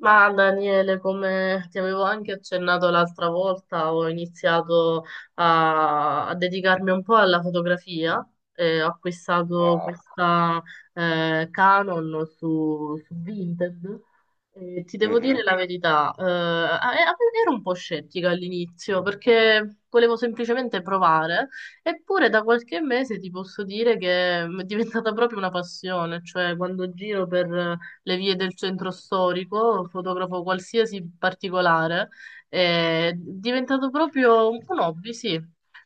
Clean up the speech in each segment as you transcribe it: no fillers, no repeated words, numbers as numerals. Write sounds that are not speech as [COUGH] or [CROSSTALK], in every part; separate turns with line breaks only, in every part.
Ma Daniele, come ti avevo anche accennato l'altra volta, ho iniziato a dedicarmi un po' alla fotografia e ho acquistato
Wow.
questa Canon su Vinted. E ti devo
Mh-mh.
dire la verità, ero un po' scettica all'inizio perché volevo semplicemente provare, eppure da qualche mese ti posso dire che è diventata proprio una passione, cioè quando giro per le vie del centro storico, fotografo qualsiasi particolare, è diventato proprio un po' un hobby, sì.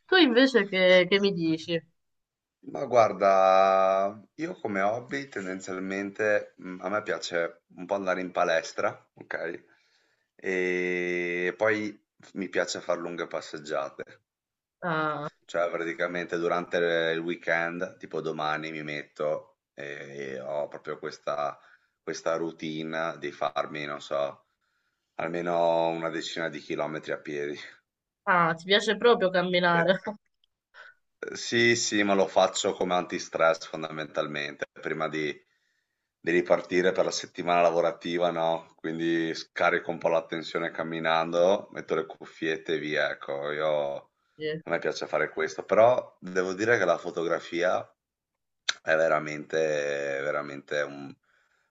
Tu invece che mi dici?
Ma guarda, io come hobby tendenzialmente, a me piace un po' andare in palestra, okay, e poi f mi piace far lunghe passeggiate.
Ah,
Cioè praticamente durante il weekend, tipo domani mi metto e ho proprio questa routine di farmi, non so, almeno una decina di chilometri a piedi.
ah, ti piace proprio camminare?
[LAUGHS]
[LAUGHS]
Sì, sì, ma lo faccio come antistress fondamentalmente, prima di ripartire per la settimana lavorativa, no, quindi scarico un po' la tensione camminando, metto le cuffiette e via, ecco. Io
Sì,
A me piace fare questo, però devo dire che la fotografia è veramente veramente un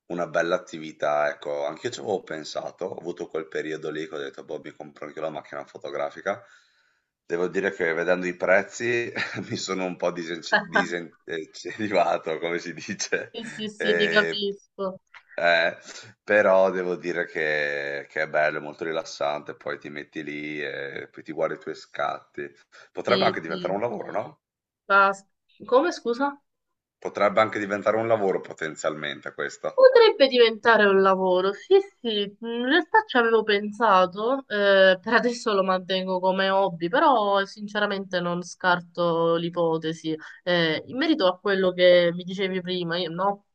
una bella attività, ecco, anch'io ci avevo pensato, ho avuto quel periodo lì che ho detto, boh, mi compro anche la macchina fotografica. Devo dire che vedendo i prezzi [LAUGHS] mi sono un po' disincentivato, come si dice,
sì, sì, sì, ti
e
capisco.
eh, però devo dire che è bello, è molto rilassante, poi ti metti lì e poi ti guardi i tuoi scatti. Potrebbe
Sì,
anche diventare
sì.
un lavoro, no?
Basta. Come, scusa?
Potrebbe anche diventare un lavoro potenzialmente questo.
Potrebbe diventare un lavoro, sì, sì, in realtà ci avevo pensato, per adesso lo mantengo come hobby, però sinceramente non scarto l'ipotesi. In merito a quello che mi dicevi prima, io, no?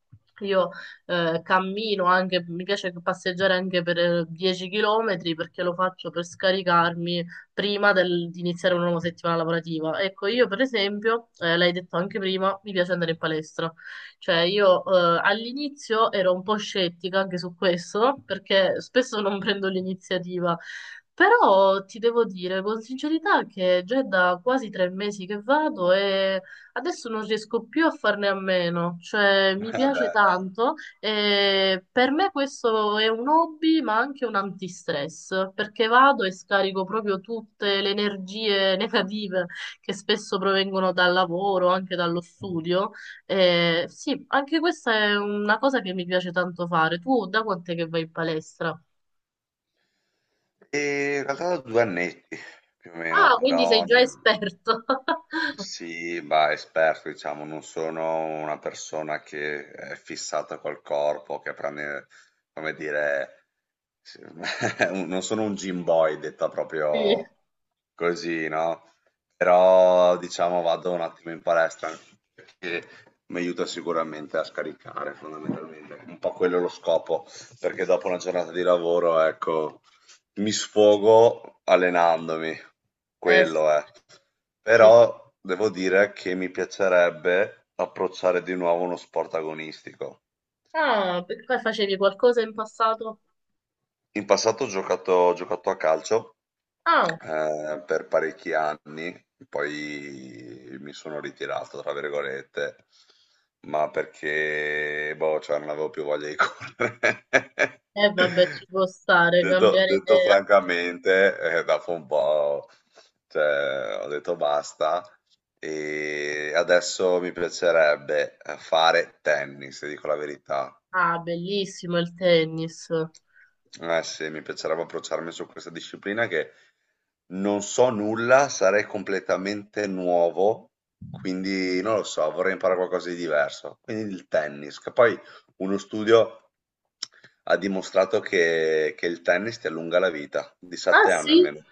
Io cammino anche, mi piace passeggiare anche per 10 km perché lo faccio per scaricarmi di iniziare una nuova settimana lavorativa. Ecco, io per esempio, l'hai detto anche prima, mi piace andare in palestra. Cioè, io all'inizio ero un po' scettica anche su questo, perché spesso non prendo l'iniziativa, però ti devo dire con sincerità che già è da quasi 3 mesi che vado e adesso non riesco più a farne a meno, cioè
[LAUGHS]
mi
Eh
piace
beh.
tanto e per me questo è un hobby ma anche un antistress, perché vado e scarico proprio tutte le energie [LAUGHS] negative che spesso provengono dal lavoro, anche dallo studio, sì, anche questa è una cosa che mi piace tanto fare. Tu da quant'è che vai in palestra?
E in realtà da 2 annetti più o meno,
Ah, quindi sei
però
già esperto. [LAUGHS]
sì, bah, esperto, diciamo, non sono una persona che è fissata col corpo, che prende, come dire, sì, [LAUGHS] non sono un gym boy, detta
Sì,
proprio così, no? Però, diciamo, vado un attimo in palestra perché mi aiuta sicuramente a scaricare, fondamentalmente. Un po' quello è lo scopo, perché dopo una giornata di lavoro, ecco. Mi sfogo allenandomi,
eh,
quello è.
sì, sì.
Però devo dire che mi piacerebbe approcciare di nuovo uno sport agonistico.
Ah, perché facevi qualcosa in passato?
In passato ho giocato a calcio
Ah,
per parecchi anni, poi mi sono ritirato, tra virgolette, ma perché boh, cioè non avevo più voglia di correre.
e vabbè, ci
[LAUGHS]
può stare,
Detto
cambiare
detto
idea.
francamente, dopo un po', cioè, ho detto basta e adesso mi piacerebbe fare tennis, ti dico la verità.
Ah, bellissimo il tennis.
Eh sì, mi piacerebbe approcciarmi su questa disciplina che non so nulla, sarei completamente nuovo, quindi non lo so, vorrei imparare qualcosa di diverso. Quindi il tennis, che poi uno studio ha dimostrato che il tennis ti allunga la vita, di
Ah
7 anni
sì,
almeno.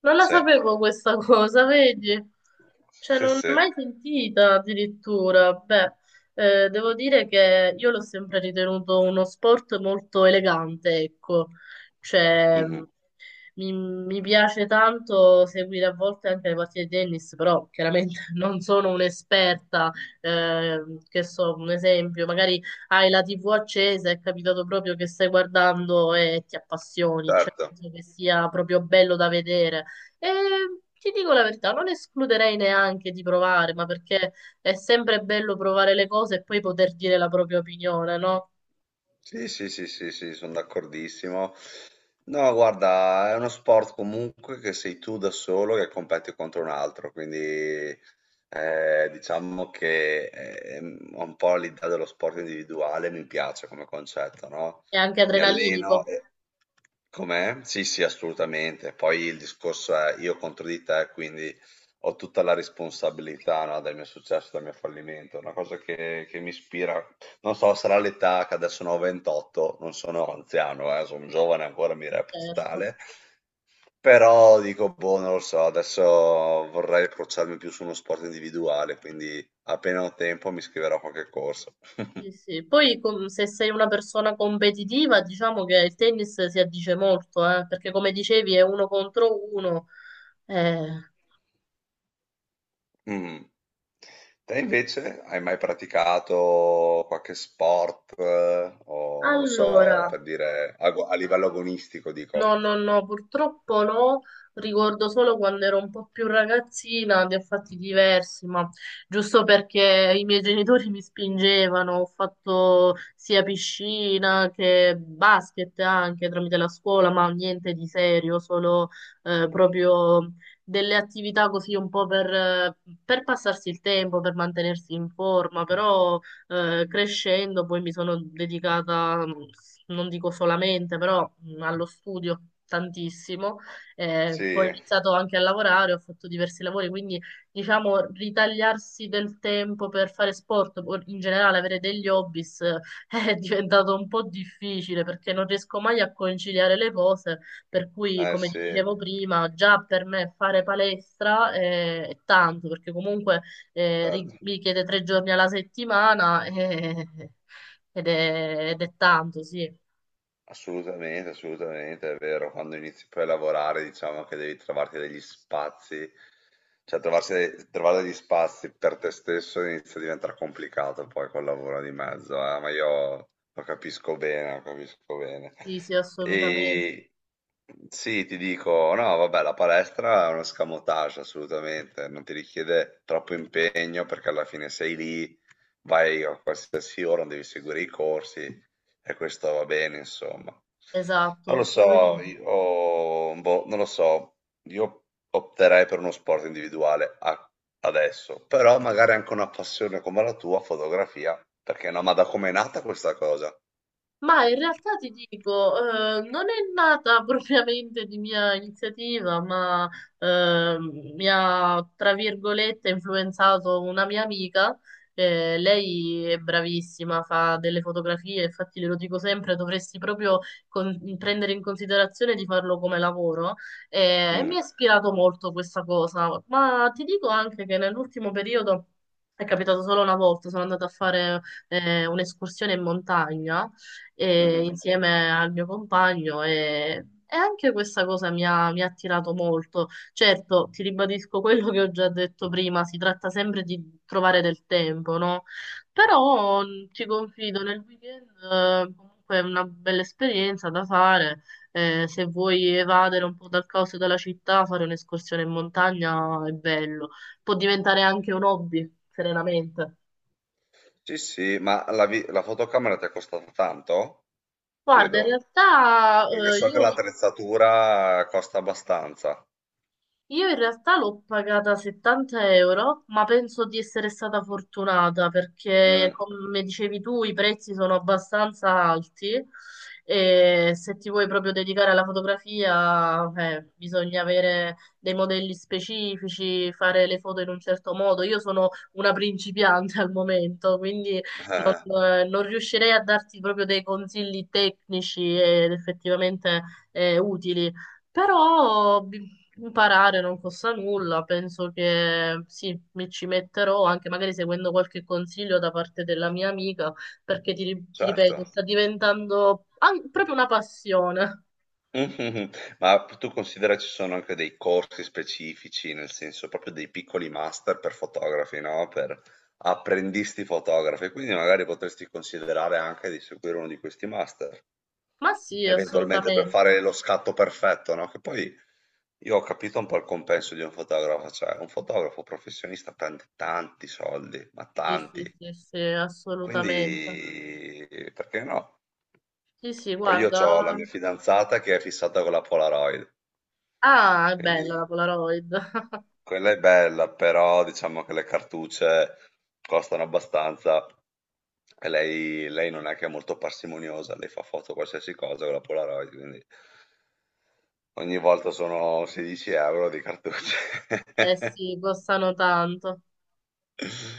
non la
Sì,
sapevo questa cosa, vedi? Cioè,
sì,
non l'ho
sì,
mai sentita addirittura. Beh, devo dire che io l'ho sempre ritenuto uno sport molto elegante, ecco. Cioè,
Mhm.
mi piace tanto seguire a volte anche le partite di tennis, però chiaramente [LAUGHS] non sono un'esperta, eh, che so, un esempio, magari hai la TV accesa, è capitato proprio che stai guardando e ti appassioni, cioè
Certo.
penso che sia proprio bello da vedere. E ti dico la verità, non escluderei neanche di provare, ma perché è sempre bello provare le cose e poi poter dire la propria opinione, no?
Sì, sì, sì, sì, sì, sono d'accordissimo. No, guarda, è uno sport comunque che sei tu da solo che competi contro un altro, quindi diciamo che ho un po' l'idea dello sport individuale, mi piace come concetto, no?
È anche
Mi alleno
adrenalinico,
e... Com'è? Sì, sì, assolutamente. Poi il discorso è io contro di te, quindi ho tutta la responsabilità, no, del mio successo, del mio fallimento, una cosa che mi ispira non so, sarà l'età che adesso ne ho 28, non sono anziano, sono giovane ancora, mi reputo
certo.
tale, però dico, boh, non lo so, adesso vorrei approcciarmi più su uno sport individuale, quindi appena ho tempo mi iscriverò a qualche corso.
Sì,
[LAUGHS]
sì. Se sei una persona competitiva, diciamo che il tennis si addice molto, perché come dicevi è uno contro uno. Eh,
Mm. Te invece hai mai praticato qualche sport, o non lo so,
Allora,
per dire, a livello agonistico,
no,
dico.
no, no, purtroppo no, ricordo solo quando ero un po' più ragazzina di fatti diversi, ma giusto perché i miei genitori mi spingevano, ho fatto sia piscina che basket anche tramite la scuola, ma niente di serio, solo proprio delle attività così un po' per passarsi il tempo, per mantenersi in forma, però crescendo poi mi sono dedicata, non dico solamente, però allo studio tantissimo, poi ho
Sì,
iniziato anche a lavorare, ho fatto diversi lavori, quindi diciamo ritagliarsi del tempo per fare sport, o in generale avere degli hobbies, [LAUGHS] è diventato un po' difficile perché non riesco mai a conciliare le cose, per cui
eh
come ti
sì,
dicevo prima, già per me fare palestra è tanto, perché comunque
certo.
mi chiede 3 giorni alla settimana ed è tanto, sì.
Assolutamente, assolutamente, è vero. Quando inizi poi a lavorare, diciamo che devi trovarti degli spazi, cioè trovare degli spazi per te stesso inizia a diventare complicato poi col lavoro di mezzo, ma io lo capisco bene, lo capisco bene.
Sì, sì, assolutamente.
E sì, ti dico, no, vabbè, la palestra è uno scamotage, assolutamente, non ti richiede troppo impegno perché alla fine sei lì, vai a qualsiasi ora, non devi seguire i corsi. E questo va bene, insomma. Non lo
Esatto.
so,
Poi
io, boh, non lo so, io opterei per uno sport individuale adesso, però magari anche una passione come la tua, fotografia, perché no, ma da com'è nata questa cosa?
ma in realtà ti dico, non è nata [LAUGHS] propriamente di mia iniziativa, ma eh, mi ha, tra virgolette, influenzato una mia amica. Lei è bravissima, fa delle fotografie, infatti glielo dico sempre, dovresti proprio prendere in considerazione di farlo come lavoro. E mi
Mm,
ha ispirato molto questa cosa, ma ti dico anche che nell'ultimo periodo... È capitato solo una volta, sono andata a fare un'escursione in montagna
mhm.
insieme al mio compagno e anche questa cosa mi ha attirato molto. Certo, ti ribadisco quello che ho già detto prima, si tratta sempre di trovare del tempo, no? Però ti confido, nel weekend comunque è una bella esperienza da fare. Se vuoi evadere un po' dal caos e dalla città, fare un'escursione in montagna è bello. Può diventare anche un hobby, serenamente.
Sì, sì, ma la fotocamera ti è costata tanto?
Guarda, in
Chiedo,
realtà
perché so che
io
l'attrezzatura costa abbastanza.
Io in realtà l'ho pagata 70 euro, ma penso di essere stata fortunata perché,
Mm,
come dicevi tu, i prezzi sono abbastanza alti e se ti vuoi proprio dedicare alla fotografia, bisogna avere dei modelli specifici, fare le foto in un certo modo. Io sono una principiante al momento, quindi
eh,
non riuscirei a darti proprio dei consigli tecnici ed effettivamente utili, però imparare non costa nulla, penso che sì, mi ci metterò anche magari seguendo qualche consiglio da parte della mia amica, perché ti ripeto,
certo.
sta diventando proprio una passione.
Mh-mh-mh. Ma p tu considera ci sono anche dei corsi specifici, nel senso proprio dei piccoli master per fotografi, no, per apprendisti fotografi, quindi magari potresti considerare anche di seguire uno di questi master
Ma sì,
eventualmente per
assolutamente.
fare lo scatto perfetto, no? Che poi io ho capito un po' il compenso di un fotografo, cioè un fotografo professionista prende tanti soldi, ma
Sì,
tanti,
sì, sì, sì, assolutamente.
quindi perché no?
Sì, sì,
Poi io ho la
guarda.
mia fidanzata che è fissata con la Polaroid,
Ah, è
quindi
bella la Polaroid. [LAUGHS]
quella è bella, però diciamo che le cartucce costano abbastanza e lei non è che è molto parsimoniosa, lei fa foto a qualsiasi cosa con la Polaroid, quindi ogni volta sono 16 euro di cartucce.
Eh
[LAUGHS]
sì, costano tanto.